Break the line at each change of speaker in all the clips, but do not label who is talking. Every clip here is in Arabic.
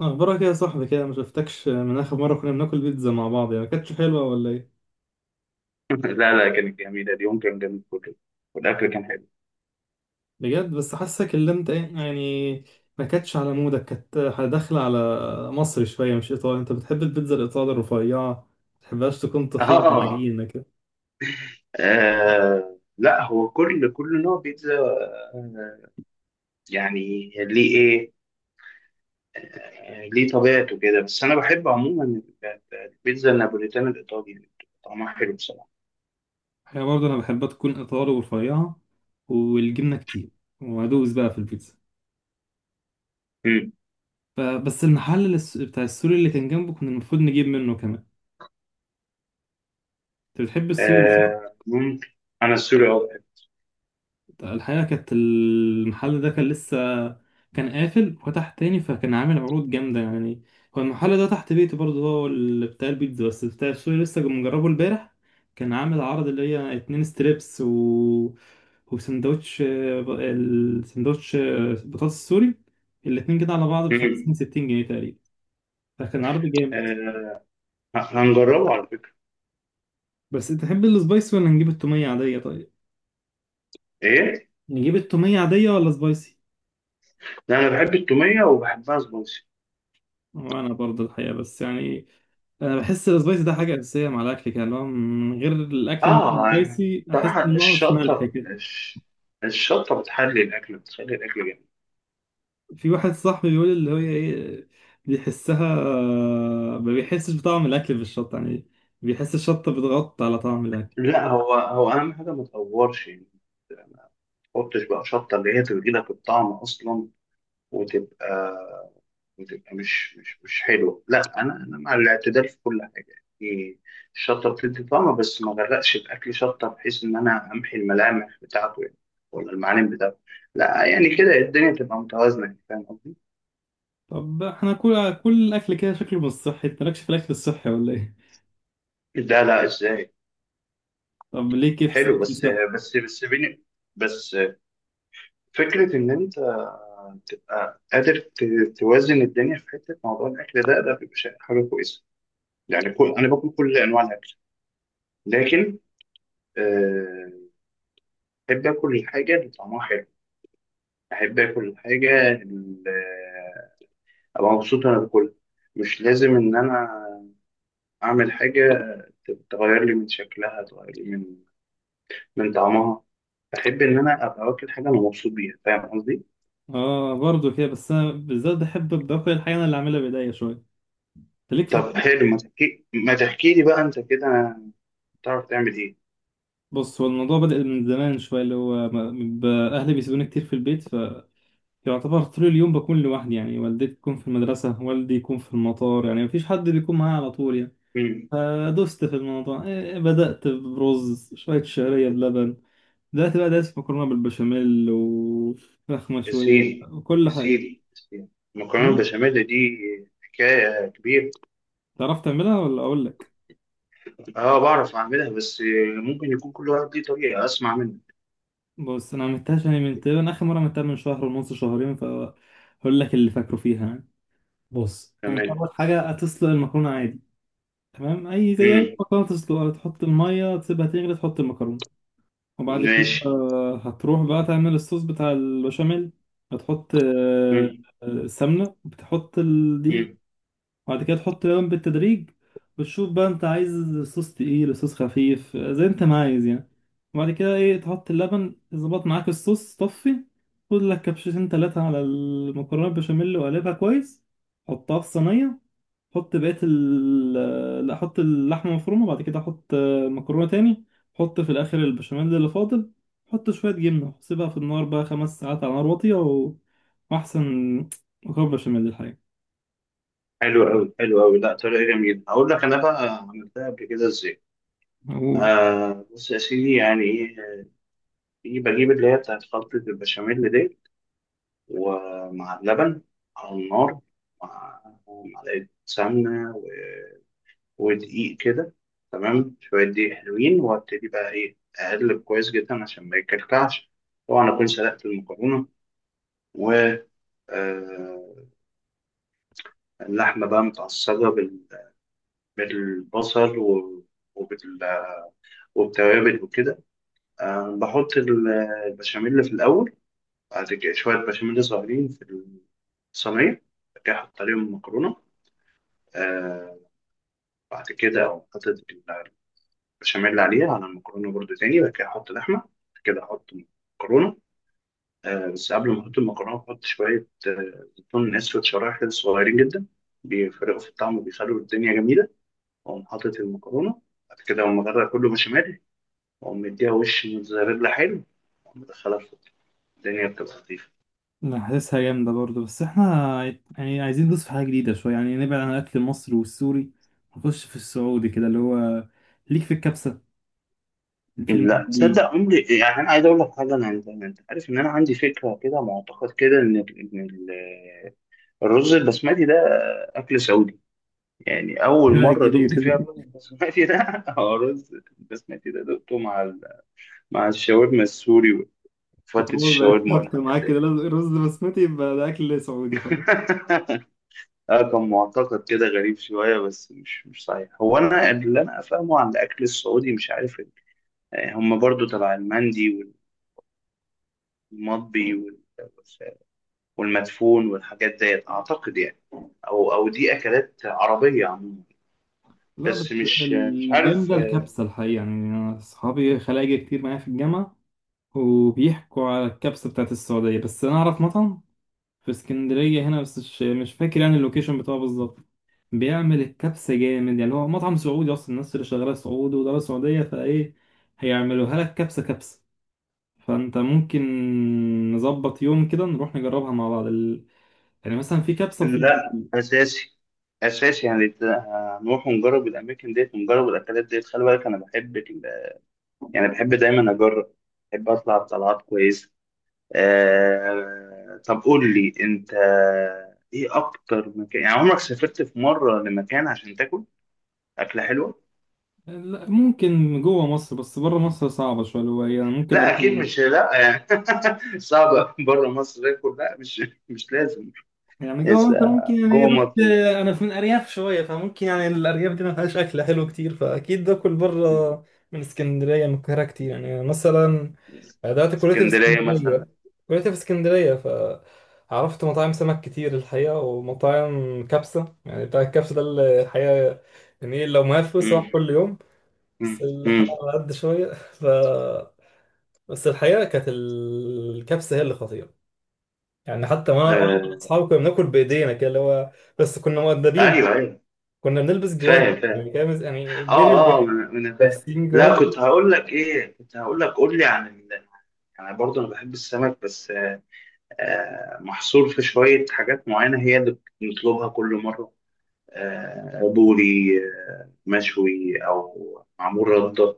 اخبارك ايه يا صاحبي كده؟ ما شفتكش من اخر مره كنا بناكل بيتزا مع بعض. يعني ما كانتش حلوه ولا ايه؟
لا لا كانت جميلة. اليوم كان جميل كله والأكل كان حلو.
بجد بس حاسك اللي انت ايه يعني، ما كانتش على مودك، كانت داخله على مصري شويه مش ايطالي. انت بتحب البيتزا الايطالي الرفيعه، ما تحبهاش تكون تخينه
آه.
عجينه كده.
آه، لا هو كل نوع بيتزا. آه، يعني ليه إيه. ليه طبيعته كده، بس أنا بحب عموما البيتزا النابوليتانا الإيطالي اللي بتبقى طعمها حلو بصراحة.
هي برضه انا بحبها تكون ايطالي ورفيعه والجبنه كتير، وادوس بقى في البيتزا.
مم.
بس المحل بتاع السوري اللي كان جنبه كنا المفروض نجيب منه كمان. انت بتحب السوري؟
آه، ممكن. أنا السوري بحب.
الحقيقة كانت المحل ده كان لسه، كان قافل وفتح تاني فكان عامل عروض جامدة يعني. هو المحل ده تحت بيتي برضه، هو اللي بتاع البيتزا، بس بتاع السوري لسه مجربه امبارح. كان عامل عرض اللي هي اتنين ستريبس و... وسندوتش السندوتش بطاطس سوري. الاتنين كده على بعض بخمسين
مم.
ستين جنيه تقريبا. فكان عرض جامد.
آه، هنجربه على فكرة.
بس انت تحب السبايسي ولا نجيب التومية عادية طيب؟
إيه؟
نجيب التومية عادية ولا سبايسي؟
لا، أنا بحب التومية وبحبها سبايسي.
وأنا برضه الحقيقة بس يعني، انا بحس السبايسي ده حاجه اساسيه مع الاكل كده، اللي هو من غير الاكل مش
اه، يعني
سبايسي احس
طبعا
ان ناقص ملح
الشطة
كده.
الشطة بتحلي الأكل، بتخلي الأكل جميل.
في واحد صاحبي بيقول اللي هي ايه، بيحسها، ما بيحسش بطعم الاكل بالشطه يعني، بيحس الشطه بتغطي على طعم الاكل.
لا، هو هو أهم حاجة ما تقورش، يعني ما تحطش بقى شطة اللي هي تدي لك الطعم أصلا، وتبقى وتبقى مش حلوة. لا، أنا مع الاعتدال في كل حاجة، يعني الشطة بتدي طعم بس ما غرقش الأكل شطة بحيث إن أنا أمحي الملامح بتاعته، يعني ولا المعالم بتاعته. لا يعني كده الدنيا تبقى متوازنة، يعني فاهم قصدي؟
طب احنا كل الاكل كده شكله مش صحي، انت مالكش في الاكل الصحي ولا ايه؟
ده لا، ازاي؟
طب ليه كيف
حلو،
اكل
بس
صحي؟
بس بس بين بس فكرة إن أنت تبقى قادر توازن الدنيا في حتة موضوع الأكل ده، ده بيبقى حاجة كويسة. يعني كل أنا باكل كل أنواع الأكل، لكن آه، أحب آكل الحاجة اللي طعمها حلو، أحب آكل الحاجة اللي أبقى مبسوط وأنا باكلها. مش لازم إن أنا أعمل حاجة تغير لي من شكلها، تغير لي من طعمها. أحب إن أنا أبقى واكل حاجة أنا مبسوط بيها. فاهم قصدي؟
اه برضه كده، بس انا بالذات بحب باكل الحاجه انا اللي اعملها بايديا شويه. انت ليك في
طب
الطبخ؟
حلو، ما تحكي لي بقى انت كده، تعرف تعمل ايه.
بص، هو الموضوع بدأ من زمان شوية، اللي هو ب- أهلي بيسيبوني كتير في البيت. يعتبر طول اليوم بكون لوحدي، يعني والدتي تكون في المدرسة والدي يكون في المطار، يعني مفيش حد بيكون معايا على طول يعني.
امم.
فدست في الموضوع إيه، إيه، بدأت برز شوية شعرية بلبن. دلوقتي بقى دايس في مكرونة بالبشاميل وفراخ
يا
مشوية
سيدي. يا
وكل حاجة.
سيدي يا سيدي. المكرونه
أمم،
البشاميل دي حكايه كبيره.
تعرف تعملها ولا أقول لك؟
اه، بعرف اعملها، بس ممكن يكون كل واحد ليه طريقه. اسمع منك.
بص، أنا عملتهاش يعني من تقريبا آخر مرة عملتها من شهر ونص شهرين، فهقول لك اللي فاكره فيها يعني. بص، أنت
تمام.
أول حاجة هتسلق المكرونة عادي. تمام، أي زي أي
امم.
مكرونة تسلقها، تحط المية تسيبها تغلي تحط المكرونة. وبعد كده
ماشي.
هتروح بقى تعمل الصوص بتاع البشاميل. هتحط آه،
امم.
آه، سمنة، بتحط الدقيق.
امم.
وبعد كده تحط لبن بالتدريج، وتشوف بقى انت عايز صوص تقيل صوص خفيف، زي انت ما عايز يعني. وبعد كده ايه تحط اللبن ظبط معاك الصوص طفي. خد لك كبشتين تلاتة على المكرونة البشاميل وقلبها كويس، حطها في صينية. حط بقية لا، حط اللحمة مفرومة، بعد كده حط مكرونة تاني. حط في الآخر البشاميل اللي فاضل، حط شوية جبنة، سيبها في النار بقى خمس ساعات على نار واطية و... وأحسن مكرونة بشاميل الحقيقة.
حلو قوي، حلو قوي. لا، طريقه جميله، اقول لك انا بقى عملتها قبل كده ازاي.
أقول:
آه، بص يا سيدي، يعني ايه، بجيب اللي هي بتاعت خلطه البشاميل دي ومع اللبن على النار، مع معلقة سمنة و... ودقيق كده. تمام، شوية دقيق حلوين وابتدي بقى، أقلب كويس جدا عشان ما يكلكعش. طبعا أكون سلقت المكرونة، و آه، اللحمة بقى متعصجة بال... بالبصل و... وبال... وبالتوابل وكده. بحط البشاميل في الأول، بعد كده شوية بشاميل صغيرين في الصينية، بعد كده أحط عليهم المكرونة. آه، بعد كده أقوم حاطط البشاميل عليها على المكرونة برضو تاني، بعد كده أحط لحمة، بعد كده أحط مكرونة. بس قبل ما أحط المكرونة، بحط شوية زيتون أسود شرايح كده صغيرين جدا، بيفرقوا في الطعم وبيخلوا الدنيا جميلة، وأقوم حاطط المكرونة، بعد كده أقوم أغرق كله بشاميل، وأقوم مديها وش موتزاريلا حلو، وأقوم مدخلها في الدنيا، بتبقى لطيفة.
لا، حاسسها جامدة برضه، بس احنا يعني عايزين ندوس في حاجة جديدة شوية، يعني نبعد عن الأكل المصري والسوري، نخش في السعودي كده اللي هو. ليك في الكبسة، في
لا
المهدي،
تصدق، عمري يعني، أنا عايز أقول لك حاجة. أنا أنت عارف إن أنا عندي فكرة كده، معتقد كده إن الرز البسمتي ده أكل سعودي. يعني أول
الفرقة
مرة دقت
الجديدة
فيها
دي؟
الرز البسمتي ده هو الرز البسمتي ده دقته مع ال... مع الشاورما السوري وفتة
فخلاص بقت
الشاورما
ثابتة
والحاجات
معاك
دي.
كده، لازم الرز بسمتي يبقى ده أكل سعودي.
اه، كان معتقد كده غريب شوية بس مش صحيح. هو أنا اللي أنا أفهمه عن الأكل السعودي، مش عارف هم برضو تبع المندي والمطبي والمدفون والحاجات ديت، أعتقد يعني. أو دي أكلات عربية عموما.
لا بس
بس مش عارف.
الجامدة الكبسة الحقيقة. يعني أنا أصحابي خلايجة كتير معايا في الجامعة، وبيحكوا على الكبسة بتاعت السعودية. بس أنا أعرف مطعم في اسكندرية هنا، بس مش فاكر يعني اللوكيشن بتاعه بالظبط. بيعمل الكبسة جامد يعني، هو مطعم سعودي أصلا، الناس اللي شغالة سعود ودولة سعودية، فإيه، هيعملوها لك كبسة كبسة. فأنت ممكن نظبط يوم كده نروح نجربها مع بعض ال... يعني مثلا في كبسة وفي...
لا، اساسي اساسي. يعني هنروح ونجرب الاماكن ديت ونجرب الاكلات ديت. خلي بالك انا بحب يعني بحب دايما اجرب، بحب اطلع بطلعات كويسه. طب قول لي انت، ايه اكتر مكان يعني عمرك سافرت في مره لمكان عشان تاكل اكله حلوه؟
لا، ممكن جوه مصر، بس بره مصر صعبة شوية اللي هو، يعني ممكن أروح.
لا، اكيد مش، لا يعني. صعب بره مصر اكل، لا، مش لازم.
يعني جوه
يس،
مصر ممكن، يعني
جوه
رحت.
مصر.
انا في من ارياف شويه، فممكن يعني الارياف دي ما فيهاش اكل حلو كتير، فاكيد باكل
مم.
بره. من اسكندريه من القاهره كتير. يعني مثلا دلوقتي كليتي في
اسكندريه
اسكندريه.
مثلا.
كليتي في اسكندريه، ف عرفت مطاعم سمك كتير الحقيقه ومطاعم كبسه، يعني بتاع الكبسه ده اللي الحقيقه يعني لو معايا فلوس هروح
مم.
كل يوم. بس
مم.
الحلقه على قد شويه ف بس الحقيقه كانت الكبسه هي اللي خطيره. يعني حتى وانا
آه.
مع اصحابي كنا بناكل بايدينا كده اللي هو، بس كنا مؤدبين،
ايوه، ايوه.
كنا بنلبس جوانتي
فاهم، فاهم.
يعني كده يعني بين
اه، اه،
البنين،
انا فاهم.
لابسين
لا،
جوانتي.
كنت هقول لك، قول لي عن ال... يعني برضه انا بحب السمك، بس محصور في شويه حاجات معينه هي اللي بنطلبها كل مره. آه، بوري، مشوي او معمول رده،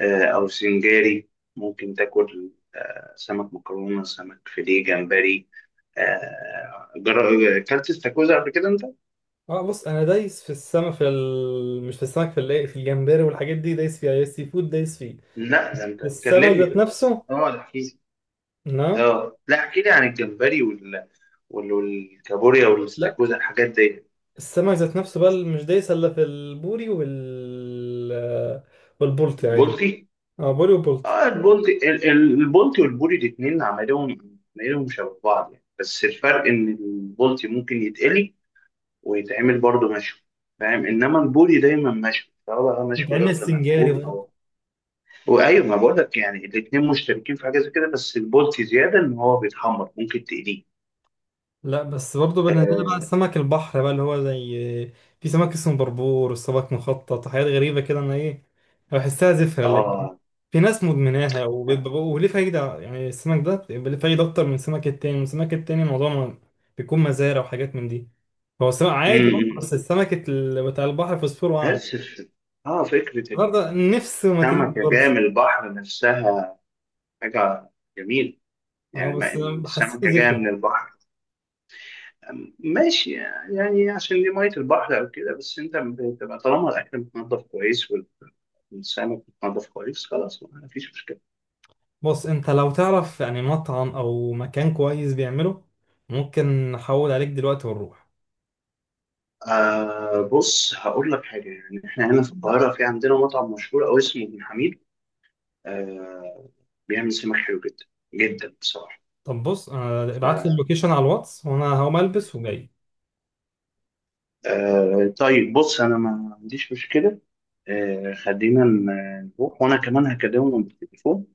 او سنجاري. ممكن تاكل سمك، مكرونه سمك فيليه، جمبري، آه جر... اكلت استاكوزا قبل كده انت؟
اه بص، انا دايس في السمك في ال... مش في السمك في ال... في الجمبري والحاجات دي دايس فيها، السي فود دايس فيه.
لا، ده انت
السمك
كلمني
ذات
بقى.
نفسه
اه، ده.
لا،
اه، لا، احكي لي عن الجمبري وال... وال... والكابوريا
لا
والاستاكوزا الحاجات دي.
السمك ذات نفسه بقى مش دايس الا في البوري والبولتي عادي.
البلطي.
اه بوري وبولتي.
اه، البلطي، البلطي والبوري الاثنين عملهم شبه بعض يعني، بس الفرق ان البلطي ممكن يتقلي ويتعمل برضه مشوي. فاهم؟ انما البوري دايما مشوي سواء بقى مشوي
بتعمل
رده
سنجاري
مقفول
برضه.
او... وايوه، ما بقول لك، يعني الاثنين مشتركين في حاجه زي كده، بس البلطي زياده ان هو بيتحمر، ممكن تقليه.
لا بس برضه بالنسبة لي بقى
اه.
سمك البحر بقى اللي هو زي، في سمك اسمه بربور والسمك مخطط وحاجات غريبة كده، أنا بحسها زفرة. اللي
آه.
في ناس مدمناها وبيبقى- وليه فايدة؟ يعني السمك ده بيبقى ليه فايدة أكتر من السمك التاني، والسمك التاني الموضوع ما- بيكون مزارع وحاجات من دي. هو السمك
م-
عادي برضه، بس
م.
السمك بتاع البحر فوسفوره أعلى.
بس ف- اه، فكره
برضه
ان
نفس وماتريال
السمكة
برضه.
جاية من البحر نفسها حاجة جميلة.
أه
يعني ما
بس
إن
حسيته
السمكة جاية
زفر.
من البحر. ماشي. يعني عشان دي مية البحر أو كده، بس أنت بتبقى طالما الأكل متنضف كويس والسمك متنضف كويس، خلاص ما فيش مشكلة.
بص أنت لو تعرف يعني مطعم أو مكان كويس بيعمله، ممكن نحول عليك دلوقتي ونروح.
آه، بص هقول لك حاجة، يعني إحنا هنا في القاهرة في عندنا مطعم مشهور أوي اسمه ابن حميد. آه بيعمل سمك حلو جدا جدا بصراحة.
طب بص، انا ابعت لي اللوكيشن على الواتس، وانا هقوم البس وجاي.
آه، طيب بص انا ما عنديش مشكله. خلينا نروح، وانا كمان هكلمهم بالتليفون،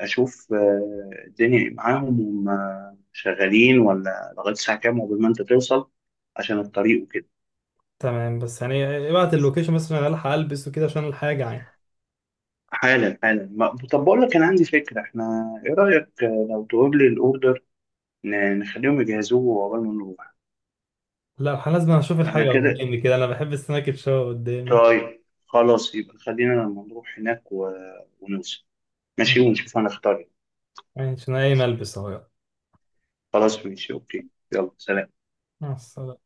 اشوف الدنيا إيه معاهم. هم شغالين ولا لغايه الساعه كام؟ وقبل ما انت توصل عشان الطريق وكده.
تمام، بس يعني ابعت اللوكيشن بس عشان الحق البس وكده عشان الحاجه يعني.
حالا، حالا. طب بقول لك انا عندي فكره، احنا ايه رايك، لو تقول لي الاوردر نخليهم يجهزوه قبل ما نروح.
لا، الحق لازم اشوف
انا
الحاجه
كده.
قدامي كده، انا بحب السناك تشوه قدامي.
طيب خلاص، يبقى خلينا لما نروح هناك و... ونوصل، ماشي،
مم.
ونشوف هنختار إيه.
يعني عشان اي ملبس اهو يلا.
خلاص ماشي، اوكي. يلا، سلام.
مع السلامه.